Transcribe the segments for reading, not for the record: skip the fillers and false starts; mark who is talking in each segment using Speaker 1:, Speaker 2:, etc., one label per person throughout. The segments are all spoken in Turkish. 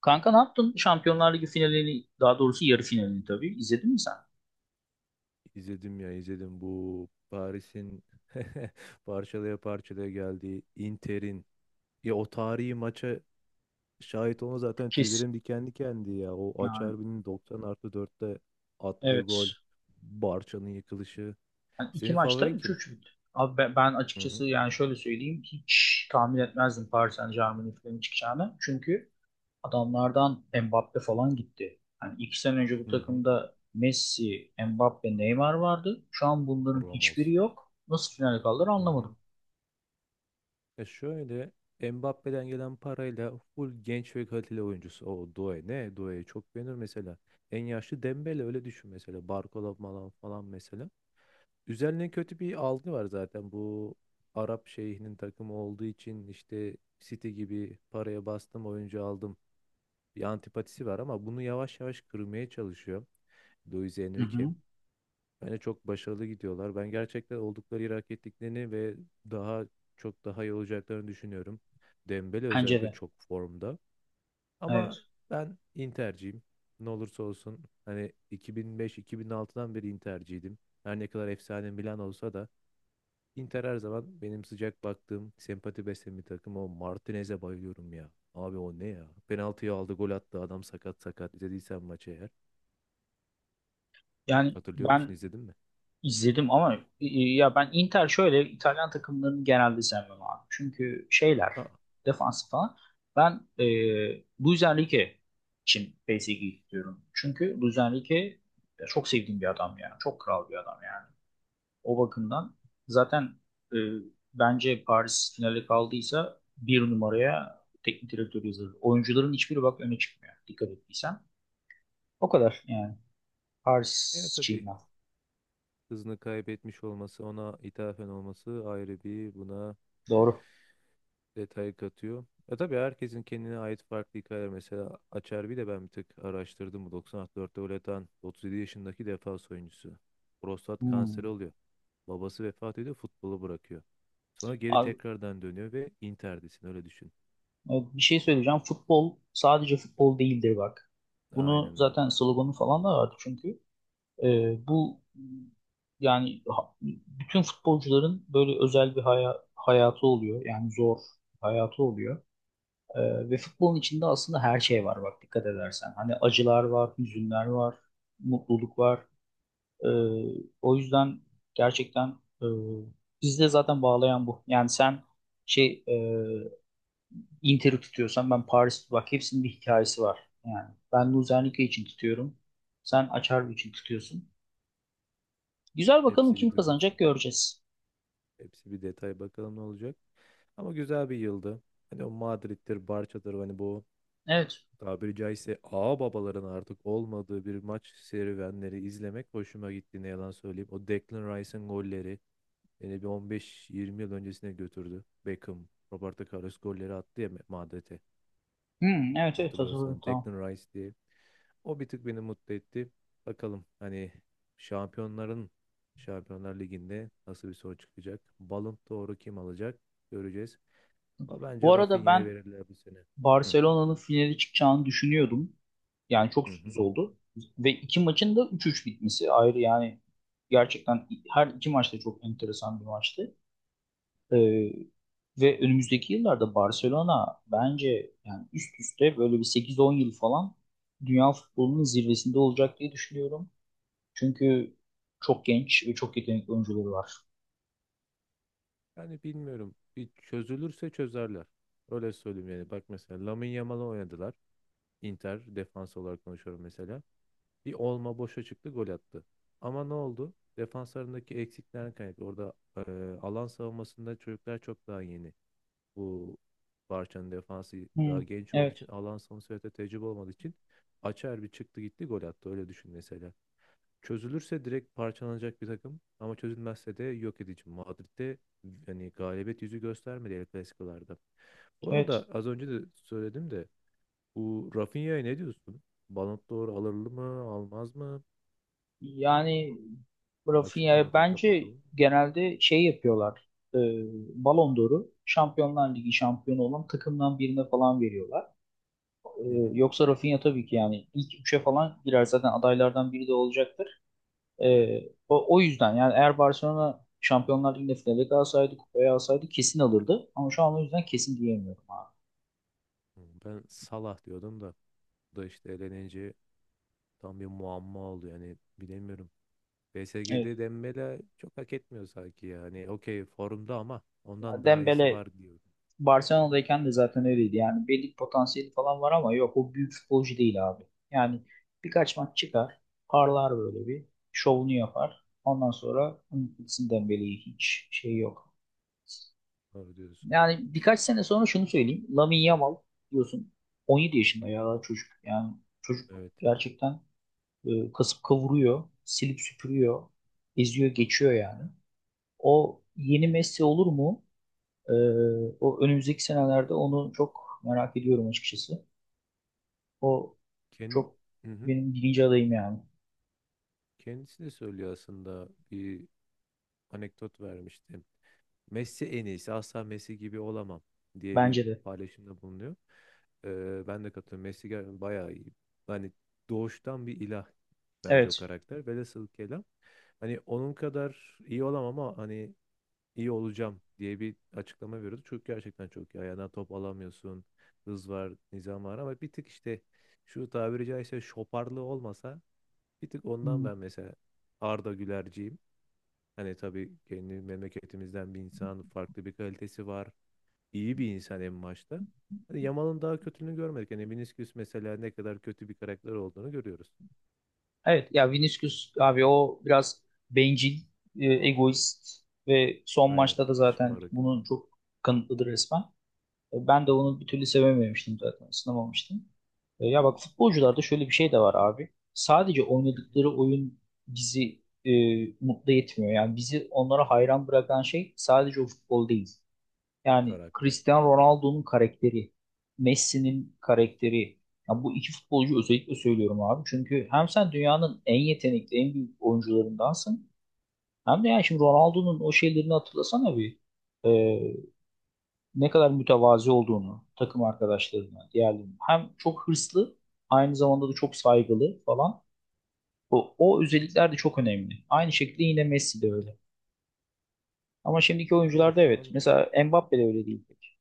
Speaker 1: Kanka ne yaptın? Şampiyonlar Ligi finalini, daha doğrusu yarı finalini tabii. İzledin mi sen?
Speaker 2: İzledim ya izledim, bu Paris'in parçalaya parçalaya geldiği Inter'in, ya o tarihi maça şahit olma, zaten
Speaker 1: Kes.
Speaker 2: tüylerim diken dikendi ya. O
Speaker 1: Yani
Speaker 2: Acerbi'nin 90+4'te attığı gol,
Speaker 1: evet.
Speaker 2: Barça'nın yıkılışı.
Speaker 1: Yani iki
Speaker 2: Senin
Speaker 1: maçta
Speaker 2: favorin
Speaker 1: üç
Speaker 2: kim?
Speaker 1: üç bitti. Abi ben
Speaker 2: Hı
Speaker 1: açıkçası
Speaker 2: hı.
Speaker 1: yani şöyle söyleyeyim hiç tahmin etmezdim Paris Saint-Germain'in finali çıkacağını. Çünkü adamlardan Mbappe falan gitti. Yani iki sene önce bu
Speaker 2: Hı hı.
Speaker 1: takımda Messi, Mbappe, Neymar vardı. Şu an bunların hiçbiri
Speaker 2: Ramos.
Speaker 1: yok. Nasıl finale kaldılar
Speaker 2: Hı hı.
Speaker 1: anlamadım.
Speaker 2: Şöyle, Mbappe'den gelen parayla full genç ve kaliteli oyuncusu. O Doué ne? Doué'yi çok beğenir mesela. En yaşlı Dembele, öyle düşün mesela. Barcola falan falan mesela. Üzerine kötü bir algı var zaten. Bu Arap şeyhinin takımı olduğu için işte City gibi paraya bastım oyuncu aldım. Bir antipatisi var ama bunu yavaş yavaş kırmaya çalışıyor Luis
Speaker 1: Hı
Speaker 2: Enrique.
Speaker 1: hı.
Speaker 2: Bence çok başarılı gidiyorlar. Ben gerçekten oldukları yeri hak ettiklerini ve daha çok daha iyi olacaklarını düşünüyorum. Dembele
Speaker 1: Bence
Speaker 2: özellikle
Speaker 1: de.
Speaker 2: çok formda. Ama
Speaker 1: Evet.
Speaker 2: ben Inter'ciyim. Ne olursa olsun hani 2005-2006'dan beri Inter'ciydim. Her ne kadar efsane Milan olsa da Inter her zaman benim sıcak baktığım, sempati beslediğim bir takım. O Martinez'e bayılıyorum ya. Abi o ne ya? Penaltıyı aldı, gol attı. Adam sakat sakat. İzlediysen maçı eğer.
Speaker 1: Yani
Speaker 2: Hatırlıyor musun?
Speaker 1: ben
Speaker 2: İzledin mi?
Speaker 1: İzledim ama ya ben Inter şöyle İtalyan takımlarını genelde sevmem abi. Çünkü şeyler
Speaker 2: Aa,
Speaker 1: defans falan. Ben Luis Enrique için PSG'yi istiyorum. Çünkü Luis Enrique ya çok sevdiğim bir adam yani. Çok kral bir adam yani. O bakımdan zaten e, bence Paris finale kaldıysa bir numaraya teknik direktör yazılır. Oyuncuların hiçbiri bak öne çıkmıyor. Dikkat ettiysen. O kadar yani.
Speaker 2: yani
Speaker 1: Paris için
Speaker 2: tabii
Speaker 1: ben.
Speaker 2: hızını kaybetmiş olması, ona ithafen olması ayrı bir buna
Speaker 1: Doğru.
Speaker 2: detay katıyor. Ya tabii herkesin kendine ait farklı hikayeler. Mesela Acerbi de ben bir tık araştırdım. Bu 94'te gol atan 37 yaşındaki defans oyuncusu. Prostat kanseri
Speaker 1: Hmm.
Speaker 2: oluyor. Babası vefat ediyor, futbolu bırakıyor. Sonra geri tekrardan dönüyor ve Inter'desin, öyle düşün.
Speaker 1: Bir şey söyleyeceğim. Futbol sadece futbol değildir bak. Bunu
Speaker 2: Aynen öyle.
Speaker 1: zaten sloganı falan da vardı çünkü. E, bu yani bütün futbolcuların böyle özel bir hayatı oluyor. Yani zor bir hayatı oluyor. Ve futbolun içinde aslında her şey var bak dikkat edersen. Hani acılar var, hüzünler var, mutluluk var. E, o yüzden gerçekten e, bizi de zaten bağlayan bu. Yani sen şey e, Inter'i tutuyorsan ben Paris bak hepsinin bir hikayesi var. Yani ben Luzernike için tutuyorum. Sen Açarbi için tutuyorsun. Güzel bakalım
Speaker 2: Hepsi
Speaker 1: kim
Speaker 2: bir dögül
Speaker 1: kazanacak
Speaker 2: seri.
Speaker 1: göreceğiz.
Speaker 2: Hepsi bir detay, bakalım ne olacak. Ama güzel bir yıldı. Hani o Madrid'dir, Barça'dır, hani bu
Speaker 1: Evet.
Speaker 2: tabiri caizse ağa babaların artık olmadığı bir maç serüvenleri izlemek hoşuma gitti, ne yalan söyleyeyim. O Declan Rice'ın golleri beni bir 15-20 yıl öncesine götürdü. Beckham, Roberto Carlos golleri attı ya Madrid'e,
Speaker 1: Hmm, evet evet hatırladım
Speaker 2: hatırlıyorsan
Speaker 1: tamam.
Speaker 2: Declan Rice diye. O bir tık beni mutlu etti. Bakalım hani şampiyonların Şampiyonlar Ligi'nde nasıl bir sonuç çıkacak? Ballon d'Or'u kim alacak? Göreceğiz. Ama
Speaker 1: Bu
Speaker 2: bence
Speaker 1: arada
Speaker 2: Rafinha'ya
Speaker 1: ben
Speaker 2: verirler bu sene. Hı
Speaker 1: Barcelona'nın finale çıkacağını düşünüyordum. Yani çok
Speaker 2: hı. Hı.
Speaker 1: sürpriz oldu. Ve iki maçın da 3-3 bitmesi ayrı yani gerçekten her iki maçta çok enteresan bir maçtı. Ee, ve önümüzdeki yıllarda Barcelona bence yani üst üste böyle bir sekiz on yıl falan dünya futbolunun zirvesinde olacak diye düşünüyorum. Çünkü çok genç ve çok yetenekli oyuncuları var.
Speaker 2: Yani bilmiyorum. Bir çözülürse çözerler. Öyle söyleyeyim yani. Bak, mesela Lamine Yamal'ı oynadılar. Inter defans olarak konuşuyorum mesela. Bir olma boşa çıktı, gol attı. Ama ne oldu? Defanslarındaki eksiklerden kaynaklı. Orada alan savunmasında çocuklar çok daha yeni. Bu Barça'nın defansı
Speaker 1: Hmm,
Speaker 2: daha genç olduğu
Speaker 1: evet,
Speaker 2: için, alan savunması ve de tecrübe olmadığı için Açer bir çıktı gitti gol attı. Öyle düşün mesela. Çözülürse direkt parçalanacak bir takım ama çözülmezse de yok edici. Madrid'de yani galibiyet yüzü göstermedi El Clasico'larda. Bu
Speaker 1: evet.
Speaker 2: arada az önce de söyledim de bu Rafinha'ya ne diyorsun? Ballon d'Or alır mı, almaz mı?
Speaker 1: Yani
Speaker 2: O açık
Speaker 1: Rafinha
Speaker 2: kalmadan
Speaker 1: bence
Speaker 2: kapatalım mı?
Speaker 1: genelde şey yapıyorlar. E, Ballon d'Or'u Şampiyonlar Ligi şampiyonu olan takımdan birine falan veriyorlar. E,
Speaker 2: Hı hı.
Speaker 1: yoksa Rafinha tabii ki yani ilk üçe falan girer zaten adaylardan biri de olacak. Ee, o yüzden yani eğer Barcelona Şampiyonlar Ligi'nde finale kalsaydı, kupayı alsaydı kesin alırdı. Ama şu an o yüzden kesin diyemiyorum abi.
Speaker 2: Hı, Ben Salah diyordum da bu da işte elenince tam bir muamma oldu yani bilemiyorum. PSG'de
Speaker 1: Evet.
Speaker 2: Dembele çok hak etmiyor sanki yani. Okey formda ama ondan daha iyisi
Speaker 1: Dembele
Speaker 2: var diyorum.
Speaker 1: Barcelona'dayken de zaten öyleydi. Yani belli bir potansiyeli falan var ama yok o büyük futbolcu değil abi. Yani birkaç maç çıkar, parlar böyle bir, şovunu yapar. Ondan sonra gitsin Dembele'yi hiç şey yok.
Speaker 2: Doğru diyorsun.
Speaker 1: Yani birkaç sene sonra şunu söyleyeyim. Lamine Yamal diyorsun 17 yaşında ya daha çocuk. Yani çocuk
Speaker 2: Evet.
Speaker 1: gerçekten kasıp kavuruyor, silip süpürüyor, eziyor, geçiyor yani. O yeni Messi olur mu? E, o önümüzdeki senelerde onu çok merak ediyorum açıkçası. O
Speaker 2: Ken,
Speaker 1: çok
Speaker 2: Hı hı.
Speaker 1: benim birinci adayım yani.
Speaker 2: Kendisi de söylüyor aslında, bir anekdot vermişti. Messi en iyisi, asla Messi gibi olamam diye
Speaker 1: Bence
Speaker 2: bir
Speaker 1: de.
Speaker 2: paylaşımda bulunuyor. Ben de katılıyorum. Messi bayağı iyi. Hani doğuştan bir ilah bence o
Speaker 1: Evet.
Speaker 2: karakter. Velhasıl kelam. Hani onun kadar iyi olamam ama hani iyi olacağım diye bir açıklama veriyordu. Çünkü gerçekten çok iyi. Ayağına top alamıyorsun. Hız var, nizam var ama bir tık işte şu tabiri caizse şoparlığı olmasa. Bir tık ondan
Speaker 1: Hmm.
Speaker 2: ben mesela Arda Gülerciyim. Hani tabii kendi memleketimizden bir insan, farklı bir kalitesi var. İyi bir insan en başta. Hani Yamal'ın daha kötülüğünü görmedik. Hani Vinicius mesela ne kadar kötü bir karakter olduğunu görüyoruz.
Speaker 1: Evet ya Vinicius abi o biraz bencil, egoist ve son
Speaker 2: Aynen.
Speaker 1: maçta da zaten
Speaker 2: Şımarık.
Speaker 1: bunun çok kanıtlıdır resmen. Ben de onu bir türlü sevememiştim zaten, ısınamamıştım. Ya bak
Speaker 2: Bu- e,
Speaker 1: futbolcularda şöyle bir şey de var abi. Sadece
Speaker 2: Hı hı.
Speaker 1: oynadıkları oyun bizi e, mutlu etmiyor. Yani bizi onlara hayran bırakan şey sadece o futbol değil. Yani
Speaker 2: Karakter.
Speaker 1: Cristiano Ronaldo'nun karakteri, Messi'nin karakteri. Ya bu iki futbolcu özellikle söylüyorum abi. Çünkü hem sen dünyanın en yetenekli, en büyük oyuncularındansın. Hem de yani şimdi Ronaldo'nun o şeylerini hatırlasana bir. E, ne kadar mütevazi olduğunu takım arkadaşlarına, diğerlerine hem çok hırslı aynı zamanda da çok saygılı falan. O özellikler de çok önemli. Aynı şekilde yine Messi de öyle. Ama şimdiki
Speaker 2: Ama
Speaker 1: oyuncularda
Speaker 2: şu
Speaker 1: evet.
Speaker 2: an
Speaker 1: Mesela Mbappe de öyle değil pek.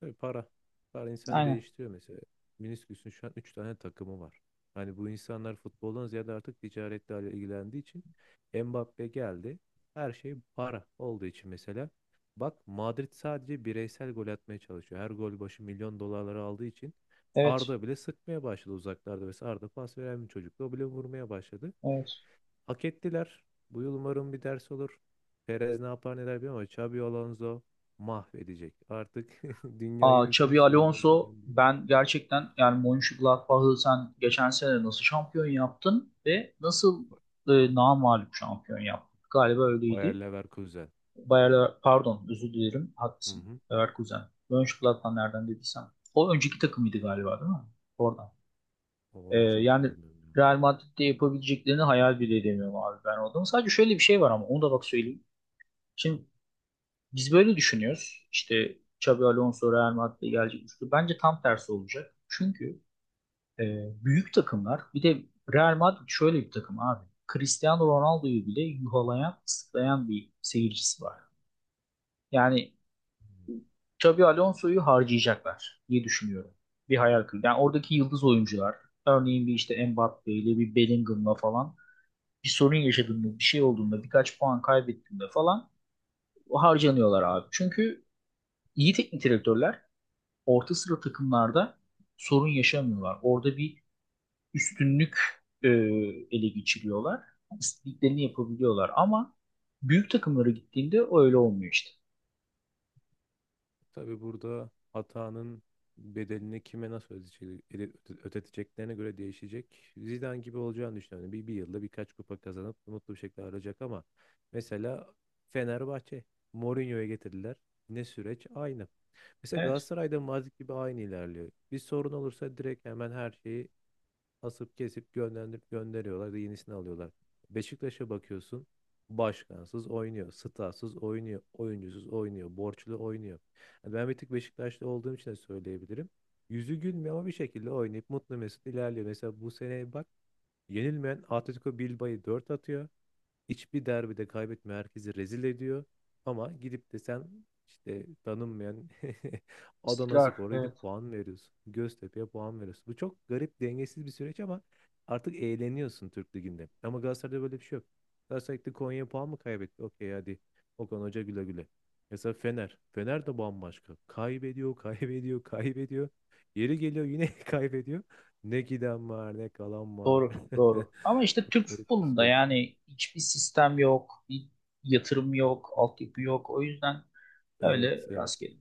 Speaker 2: Tabii para. Para insan
Speaker 1: Aynen.
Speaker 2: değiştiriyor mesela. Minisküs'ün şu an 3 tane takımı var. Hani bu insanlar futboldan ziyade artık ticaretle ilgilendiği için Mbappe geldi. Her şey para olduğu için mesela. Bak Madrid sadece bireysel gol atmaya çalışıyor. Her gol başı milyon dolarları aldığı için
Speaker 1: Evet.
Speaker 2: Arda bile sıkmaya başladı uzaklarda. Mesela Arda pas veren bir çocuktu. O bile vurmaya başladı.
Speaker 1: Evet.
Speaker 2: Hak ettiler. Bu yıl umarım bir ders olur. Perez ne yapar neler bilmiyorum ama Xabi Alonso mahvedecek. Artık dünyaya
Speaker 1: Aa,
Speaker 2: hüküm
Speaker 1: Xabi
Speaker 2: sürmeye
Speaker 1: Alonso
Speaker 2: gelen bir
Speaker 1: ben gerçekten yani Mönchengladbach'ı sen geçen sene nasıl şampiyon yaptın ve nasıl namağlup şampiyon yaptın? Galiba
Speaker 2: Bayer
Speaker 1: öyleydi.
Speaker 2: Leverkusen.
Speaker 1: Pardon özür dilerim
Speaker 2: Hı
Speaker 1: haklısın.
Speaker 2: hı.
Speaker 1: Leverkusen. Mönchengladbach nereden dediysem. O önceki takımıydı galiba değil mi? Oradan.
Speaker 2: Onu hiç
Speaker 1: Yani
Speaker 2: hatırlamıyorum ya.
Speaker 1: Real Madrid'de yapabileceklerini hayal bile edemiyorum abi ben oradan. Sadece şöyle bir şey var ama onu da bak söyleyeyim. Şimdi biz böyle düşünüyoruz. İşte Xabi Alonso Real Madrid'e gelecek. Bence tam tersi olacak. Çünkü e, büyük takımlar bir de Real Madrid şöyle bir takım abi. Cristiano Ronaldo'yu bile yuhalayan, ıslıklayan bir seyircisi var. Yani Xabi Alonso'yu harcayacaklar diye düşünüyorum. Bir hayal kırıklığı. Yani oradaki yıldız oyuncular örneğin bir işte Mbappe ile bir Bellingham'la falan bir sorun yaşadığında bir şey olduğunda birkaç puan kaybettiğinde falan harcanıyorlar abi. Çünkü iyi teknik direktörler orta sıra takımlarda sorun yaşamıyorlar. Orada bir üstünlük e, ele geçiriyorlar. İstediklerini yapabiliyorlar ama büyük takımlara gittiğinde öyle olmuyor işte.
Speaker 2: Tabii burada hatanın bedelini kime nasıl ödeyecek, ödeteceklerine göre değişecek. Zidane gibi olacağını düşünüyorum. Bir yılda birkaç kupa kazanıp mutlu bir şekilde ayrılacak ama mesela Fenerbahçe Mourinho'ya getirdiler. Ne süreç? Aynı. Mesela
Speaker 1: Evet.
Speaker 2: Galatasaray'da Mazik gibi aynı ilerliyor. Bir sorun olursa direkt hemen her şeyi asıp kesip gönderip gönderiyorlar da yenisini alıyorlar. Beşiktaş'a bakıyorsun başkansız oynuyor, statsız oynuyor, oyuncusuz oynuyor, borçlu oynuyor. Yani ben bir tık Beşiktaşlı olduğum için de söyleyebilirim. Yüzü gülmüyor ama bir şekilde oynayıp mutlu mesut ilerliyor. Mesela bu seneye bak, yenilmeyen Atletico Bilbao'yu 4 atıyor. Hiçbir derbide kaybetmiyor. Herkesi rezil ediyor. Ama gidip de sen işte tanınmayan
Speaker 1: İstikrar.
Speaker 2: Adanaspor'a
Speaker 1: Evet.
Speaker 2: gidip puan veriyorsun. Göztepe'ye puan veriyorsun. Bu çok garip, dengesiz bir süreç ama artık eğleniyorsun Türk Ligi'nde. Ama Galatasaray'da böyle bir şey yok. Galatasaray gitti Konya'ya puan mı kaybetti? Okey hadi. Okan Hoca güle güle. Mesela Fener. Fener de bambaşka. Kaybediyor, kaybediyor, kaybediyor. Yeri geliyor yine kaybediyor. Ne giden var, ne kalan var.
Speaker 1: Doğru, doğru. Ama işte
Speaker 2: Çok
Speaker 1: Türk
Speaker 2: garip bir
Speaker 1: futbolunda
Speaker 2: süreç.
Speaker 1: yani hiçbir sistem yok, bir yatırım yok, altyapı yok. O yüzden
Speaker 2: Evet,
Speaker 1: öyle
Speaker 2: evet.
Speaker 1: rastgele.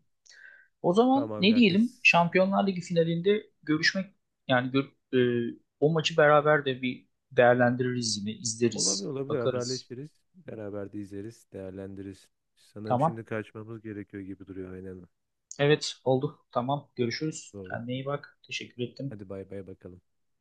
Speaker 1: O zaman
Speaker 2: Tamamen
Speaker 1: ne diyelim?
Speaker 2: herkes
Speaker 1: Şampiyonlar Ligi finalinde görüşmek yani o maçı beraber de bir değerlendiririz yine,
Speaker 2: olabilir
Speaker 1: izleriz,
Speaker 2: olabilir
Speaker 1: bakarız.
Speaker 2: haberleşiriz. Beraber de izleriz, değerlendiririz. Sanırım
Speaker 1: Tamam.
Speaker 2: şimdi kaçmamız gerekiyor gibi duruyor, aynen.
Speaker 1: Evet, oldu. Tamam. Görüşürüz.
Speaker 2: Doğru.
Speaker 1: Kendine iyi bak. Teşekkür ettim.
Speaker 2: Hadi bay bay bakalım.